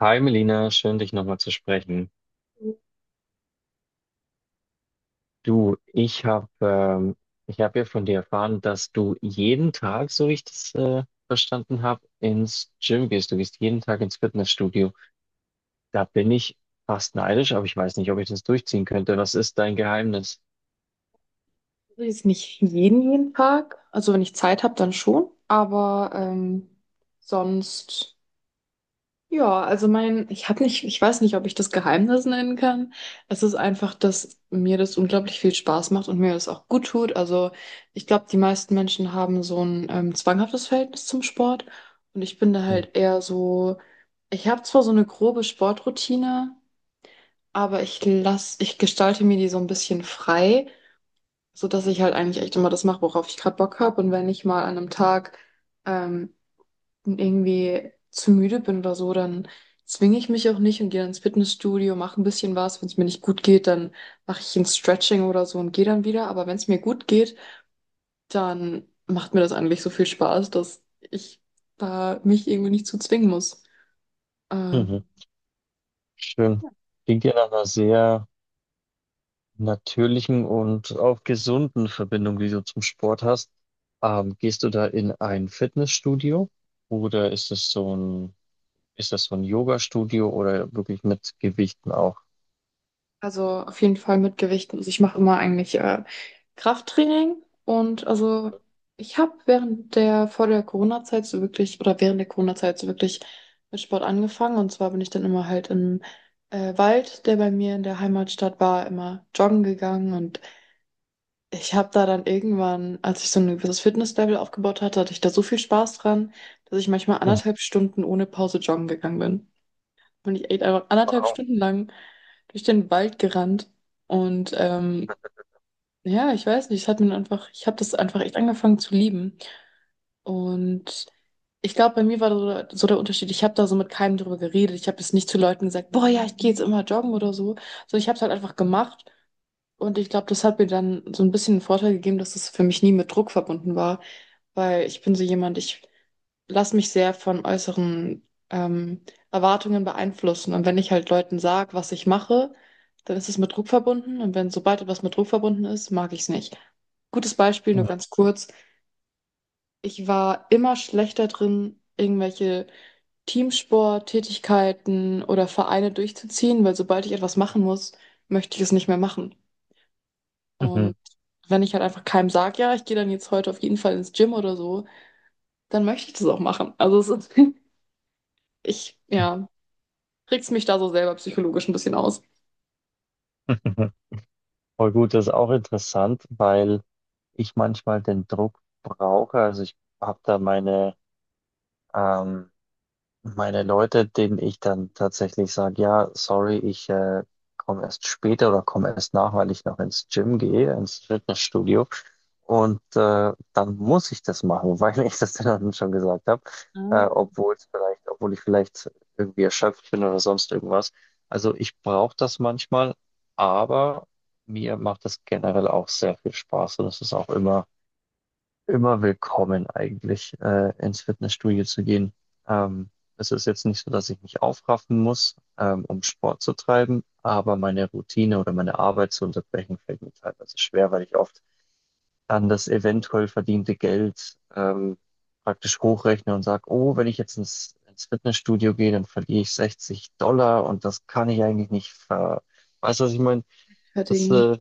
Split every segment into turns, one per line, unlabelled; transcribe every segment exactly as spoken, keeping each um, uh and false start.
Hi Melina, schön dich nochmal zu sprechen. Du, ich habe ähm, ich hab ja von dir erfahren, dass du jeden Tag, so wie ich das äh, verstanden habe, ins Gym gehst. Du gehst jeden Tag ins Fitnessstudio. Da bin ich fast neidisch, aber ich weiß nicht, ob ich das durchziehen könnte. Was ist dein Geheimnis?
Also jetzt nicht jeden, jeden Tag. Also wenn ich Zeit habe, dann schon. Aber ähm, sonst, ja, also mein, ich habe nicht, ich weiß nicht, ob ich das Geheimnis nennen kann. Es ist einfach, dass mir das unglaublich viel Spaß macht und mir das auch gut tut. Also ich glaube, die meisten Menschen haben so ein ähm, zwanghaftes Verhältnis zum Sport. Und ich bin da
Hm.
halt eher so, ich habe zwar so eine grobe Sportroutine, aber ich lass, ich gestalte mir die so ein bisschen frei, so dass ich halt eigentlich echt immer das mache, worauf ich gerade Bock habe. Und wenn ich mal an einem Tag ähm, irgendwie zu müde bin oder so, dann zwinge ich mich auch nicht und gehe dann ins Fitnessstudio, mache ein bisschen was. Wenn es mir nicht gut geht, dann mache ich ein Stretching oder so und gehe dann wieder. Aber wenn es mir gut geht, dann macht mir das eigentlich so viel Spaß, dass ich da mich irgendwie nicht zu zwingen muss. Äh,
Mhm. Schön. Klingt ja nach einer sehr natürlichen und auch gesunden Verbindung, die du zum Sport hast. Ähm, gehst du da in ein Fitnessstudio. Oder ist es so ein Ist das so ein Yoga Studio oder wirklich mit Gewichten auch?
Also auf jeden Fall mit Gewichten. Also ich mache immer eigentlich äh, Krafttraining, und also ich habe während der vor der Corona-Zeit so wirklich oder während der Corona-Zeit so wirklich mit Sport angefangen, und zwar bin ich dann immer halt im äh, Wald, der bei mir in der Heimatstadt war, immer joggen gegangen. Und ich habe da dann irgendwann, als ich so ein gewisses Fitnesslevel aufgebaut hatte, hatte ich da so viel Spaß dran, dass ich manchmal
Mhm.
anderthalb Stunden ohne Pause joggen gegangen bin. Und ich echt einfach anderthalb
Wow.
Stunden lang durch den Wald gerannt. Und ähm, ja, ich weiß nicht, es hat mir einfach, ich habe das einfach echt angefangen zu lieben. Und ich glaube, bei mir war so, so der Unterschied, ich habe da so mit keinem drüber geredet. Ich habe jetzt nicht zu Leuten gesagt, boah, ja, ich gehe jetzt immer joggen oder so, sondern ich habe es halt einfach gemacht. Und ich glaube, das hat mir dann so ein bisschen einen Vorteil gegeben, dass es für mich nie mit Druck verbunden war, weil ich bin so jemand, ich lasse mich sehr von äußeren ähm, Erwartungen beeinflussen. Und wenn ich halt Leuten sage, was ich mache, dann ist es mit Druck verbunden. Und wenn sobald etwas mit Druck verbunden ist, mag ich es nicht. Gutes Beispiel, nur
Mhm.
ganz kurz. Ich war immer schlechter drin, irgendwelche Teamsport-Tätigkeiten oder Vereine durchzuziehen, weil sobald ich etwas machen muss, möchte ich es nicht mehr machen. Und
Mhm.
wenn ich halt einfach keinem sage, ja, ich gehe dann jetzt heute auf jeden Fall ins Gym oder so, dann möchte ich das auch machen. Also es ist, ich, ja, reg's mich da so selber psychologisch ein bisschen aus.
Mhm. Voll gut, das ist auch interessant, weil ich manchmal den Druck brauche. Also, ich habe da meine, ähm meine Leute, denen ich dann tatsächlich sage, ja, sorry, ich äh, komme erst später oder komme erst nach, weil ich noch ins Gym gehe, ins Fitnessstudio. Und äh, dann muss ich das machen, weil ich das dann schon gesagt habe, äh,
Ah.
obwohl es vielleicht, obwohl ich vielleicht irgendwie erschöpft bin oder sonst irgendwas. Also ich brauche das manchmal, aber mir macht das generell auch sehr viel Spaß, und es ist auch immer immer willkommen eigentlich, äh, ins Fitnessstudio zu gehen. Ähm, Es ist jetzt nicht so, dass ich mich aufraffen muss, ähm, um Sport zu treiben, aber meine Routine oder meine Arbeit zu unterbrechen fällt mir teilweise schwer, weil ich oft an das eventuell verdiente Geld, ähm, praktisch hochrechne und sage, oh, wenn ich jetzt ins, ins Fitnessstudio gehe, dann verliere ich sechzig Dollar, und das kann ich eigentlich nicht ver... Weißt du, was ich meine? Das,
Fertigen.
äh,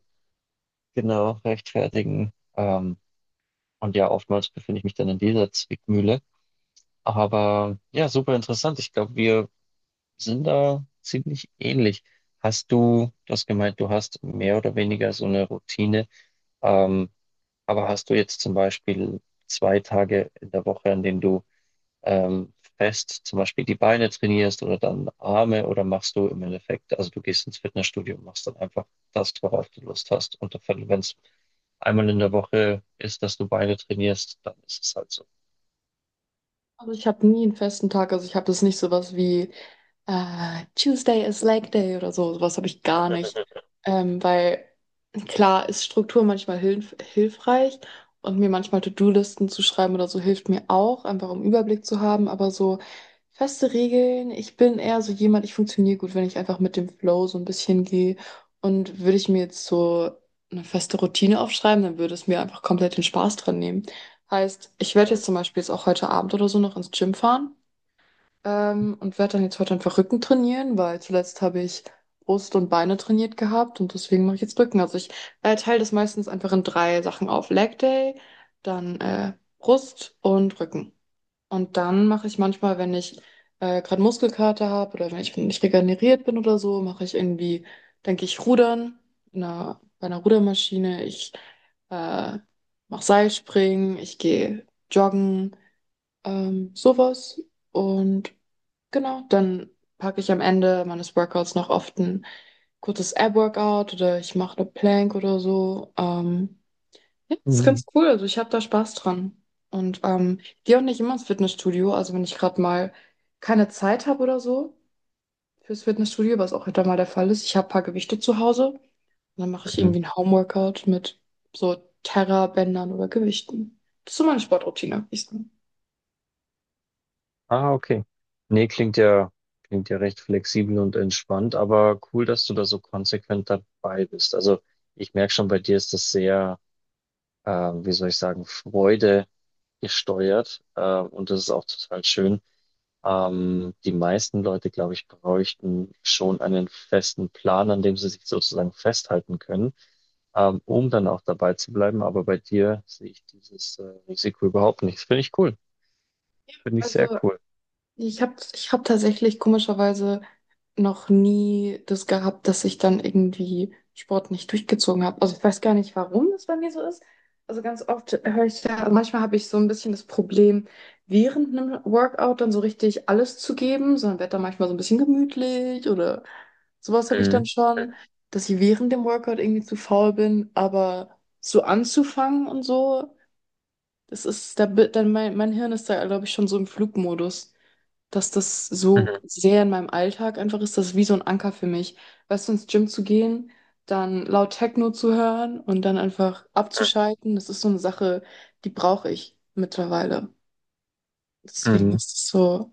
genau, rechtfertigen. Ähm, und ja, oftmals befinde ich mich dann in dieser Zwickmühle. Aber ja, super interessant. Ich glaube, wir sind da ziemlich ähnlich. Hast du, du hast gemeint, du hast mehr oder weniger so eine Routine. Ähm, aber hast du jetzt zum Beispiel zwei Tage in der Woche, an denen du ähm, fest zum Beispiel die Beine trainierst oder dann Arme, oder machst du im Endeffekt, also du gehst ins Fitnessstudio und machst dann einfach das, worauf du Lust hast? Und wenn es einmal in der Woche ist, dass du Beine trainierst, dann ist es halt so.
Also ich habe nie einen festen Tag, also ich habe das nicht, sowas wie äh, Tuesday is Leg Day oder so, sowas habe ich gar nicht. Ähm, weil klar ist Struktur manchmal hilf hilfreich, und mir manchmal To-Do-Listen zu schreiben oder so hilft mir auch, einfach um Überblick zu haben. Aber so feste Regeln, ich bin eher so jemand, ich funktioniere gut, wenn ich einfach mit dem Flow so ein bisschen gehe. Und würde ich mir jetzt so eine feste Routine aufschreiben, dann würde es mir einfach komplett den Spaß dran nehmen. Heißt, ich werde jetzt zum Beispiel jetzt auch heute Abend oder so noch ins Gym fahren, ähm, und werde dann jetzt heute einfach Rücken trainieren, weil zuletzt habe ich Brust und Beine trainiert gehabt und deswegen mache ich jetzt Rücken. Also ich äh, teile das meistens einfach in drei Sachen auf. Leg Day, dann äh, Brust und Rücken. Und dann mache ich manchmal, wenn ich äh, gerade Muskelkater habe oder wenn ich nicht regeneriert bin oder so, mache ich irgendwie, denke ich, Rudern in einer, bei einer Rudermaschine. Ich äh, mache Seilspringen, ich gehe joggen, ähm, sowas. Und genau, dann packe ich am Ende meines Workouts noch oft ein kurzes Ab-Workout, oder ich mache eine Plank oder so. Ähm, ja, das ist
Mhm.
ganz cool. Also ich habe da Spaß dran. Und ähm, ich gehe auch nicht immer ins Fitnessstudio. Also wenn ich gerade mal keine Zeit habe oder so fürs Fitnessstudio, was auch öfter mal der Fall ist, ich habe ein paar Gewichte zu Hause. Und dann mache ich irgendwie
Mhm.
ein Homeworkout mit so Terra-Bändern oder Gewichten. Das ist so meine Sportroutine, würde ich sagen.
Ah, okay. Nee, klingt ja, klingt ja recht flexibel und entspannt, aber cool, dass du da so konsequent dabei bist. Also ich merke schon, bei dir ist das sehr, ähm, wie soll ich sagen, Freude gesteuert, äh, und das ist auch total schön. Ähm, die meisten Leute, glaube ich, bräuchten schon einen festen Plan, an dem sie sich sozusagen festhalten können, ähm, um dann auch dabei zu bleiben. Aber bei dir sehe ich dieses, äh, Risiko überhaupt nicht. Das finde ich cool. Finde ich sehr
Also
cool.
Ich habe ich hab tatsächlich komischerweise noch nie das gehabt, dass ich dann irgendwie Sport nicht durchgezogen habe. Also ich weiß gar nicht, warum das bei mir so ist. Also ganz oft höre ich ja, also manchmal habe ich so ein bisschen das Problem, während einem Workout dann so richtig alles zu geben, sondern werde dann manchmal so ein bisschen gemütlich. Oder sowas habe ich dann
Mhm.
schon, dass ich während dem Workout irgendwie zu faul bin, aber so anzufangen und so, das ist, da, bi- dann mein, mein Hirn ist da, glaube ich, schon so im Flugmodus, dass das so
Mhm.
sehr in meinem Alltag einfach ist, das ist wie so ein Anker für mich. Weißt du, ins Gym zu gehen, dann laut Techno zu hören und dann einfach
Mhm.
abzuschalten, das ist so eine Sache, die brauche ich mittlerweile. Deswegen
Mhm.
ist es so,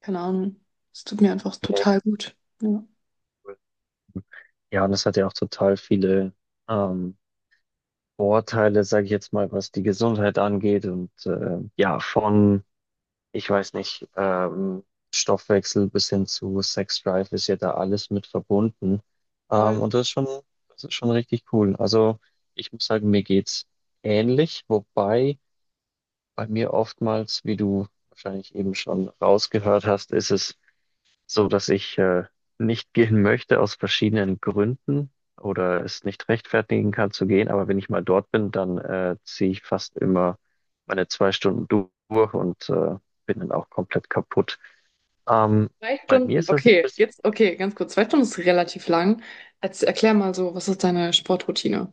keine Ahnung, es tut mir einfach
Nee,
total gut. Ja,
cool. Ja, und es hat ja auch total viele ähm, Vorteile, sage ich jetzt mal, was die Gesundheit angeht. Und äh, ja, von, ich weiß nicht, ähm, Stoffwechsel bis hin zu Sex Drive, ist ja da alles mit verbunden. Ähm,
voll.
und das ist schon, das ist schon richtig cool. Also ich muss sagen, mir geht's ähnlich, wobei bei mir oftmals, wie du wahrscheinlich eben schon rausgehört hast, ist es so, dass ich äh, nicht gehen möchte aus verschiedenen Gründen oder es nicht rechtfertigen kann zu gehen. Aber wenn ich mal dort bin, dann äh, ziehe ich fast immer meine zwei Stunden durch und äh, bin dann auch komplett kaputt. Ähm,
Zwei
Bei mir
Stunden,
ist das ein
okay,
bisschen,
jetzt, okay, ganz kurz. Zwei Stunden ist relativ lang. Jetzt erklär mal, so, was ist deine Sportroutine?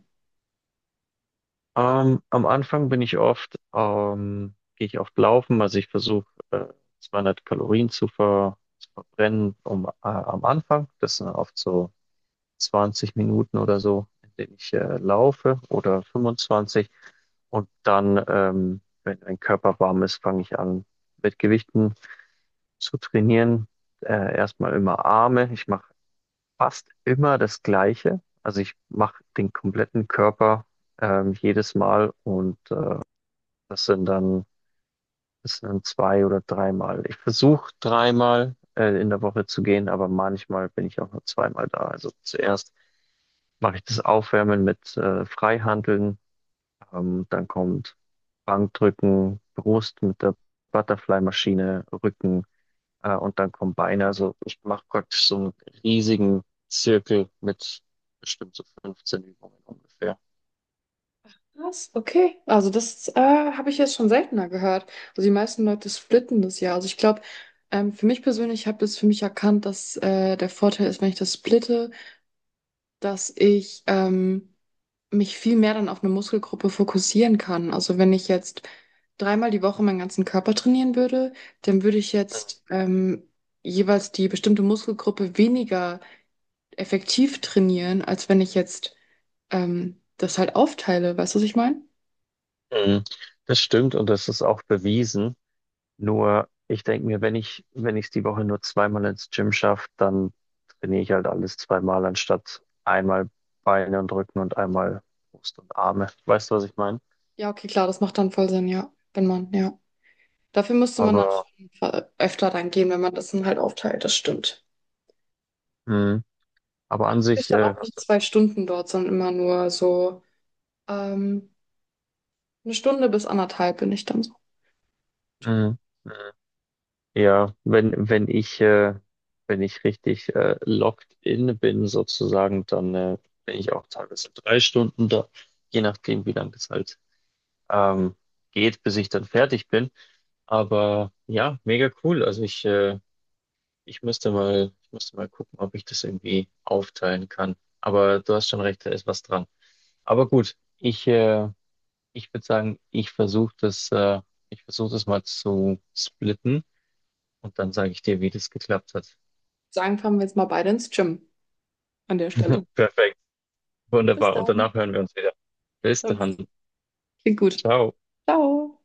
ähm, am Anfang bin ich oft, ähm, gehe ich oft laufen, also ich versuche äh, zweihundert Kalorien zu ver zu verbrennen um äh, am Anfang. Das sind oft so zwanzig Minuten oder so, in denen ich äh, laufe, oder fünfundzwanzig. Und dann, ähm, wenn mein Körper warm ist, fange ich an, mit Gewichten zu trainieren. Äh, erstmal immer Arme. Ich mache fast immer das Gleiche. Also ich mache den kompletten Körper ähm, jedes Mal, und äh, das sind dann, das sind dann zwei oder dreimal. Ich versuche dreimal äh, in der Woche zu gehen, aber manchmal bin ich auch nur zweimal da. Also zuerst mache ich das Aufwärmen mit äh, Freihanteln. Ähm, dann kommt Bankdrücken, Brust mit der Butterfly-Maschine, Rücken äh, und dann kommen Beine. Also ich mache praktisch so einen riesigen Zirkel mit bestimmt so fünfzehn Übungen ungefähr.
Was? Okay. Also das äh, habe ich jetzt schon seltener gehört. Also die meisten Leute splitten das ja. Also ich glaube, ähm, für mich persönlich, ich habe das für mich erkannt, dass äh, der Vorteil ist, wenn ich das splitte, dass ich ähm, mich viel mehr dann auf eine Muskelgruppe fokussieren kann. Also wenn ich jetzt dreimal die Woche meinen ganzen Körper trainieren würde, dann würde ich jetzt ähm, jeweils die bestimmte Muskelgruppe weniger effektiv trainieren, als wenn ich jetzt ähm, das halt aufteile. Weißt du, was ich meine?
Mhm. Das stimmt, und das ist auch bewiesen. Nur, ich denke mir, wenn ich, wenn ich es die Woche nur zweimal ins Gym schaffe, dann trainiere ich halt alles zweimal, anstatt einmal Beine und Rücken und einmal Brust und Arme. Weißt du, was ich meine?
Ja, okay, klar, das macht dann voll Sinn, ja. Wenn man, ja. Dafür müsste man dann
Aber,
schon ver- öfter dann gehen, wenn man das dann halt aufteilt, das stimmt.
mh, aber
Dafür
an
bin ich
sich,
dann
äh,
auch nie
hast
zwei Stunden dort, sondern immer nur so ähm, eine Stunde bis anderthalb bin ich dann so im
du,
Gym.
mh, ja, wenn, wenn ich, äh, wenn ich richtig äh, locked in bin, sozusagen, dann äh, bin ich auch teilweise drei Stunden da, je nachdem, wie lange es halt ähm, geht, bis ich dann fertig bin. Aber ja, mega cool. Also ich, äh, ich müsste mal, ich müsste mal gucken, ob ich das irgendwie aufteilen kann. Aber du hast schon recht, da ist was dran. Aber gut, ich, äh, ich würde sagen, ich versuche das, äh, ich versuche das mal zu splitten und dann sage ich dir, wie das geklappt hat.
Sagen, fahren wir jetzt mal beide ins Gym an der Stelle.
Perfekt,
Bis
wunderbar. Und
dann.
danach hören wir uns wieder. Bis
Sonst
dann.
klingt gut.
Ciao.
Ciao.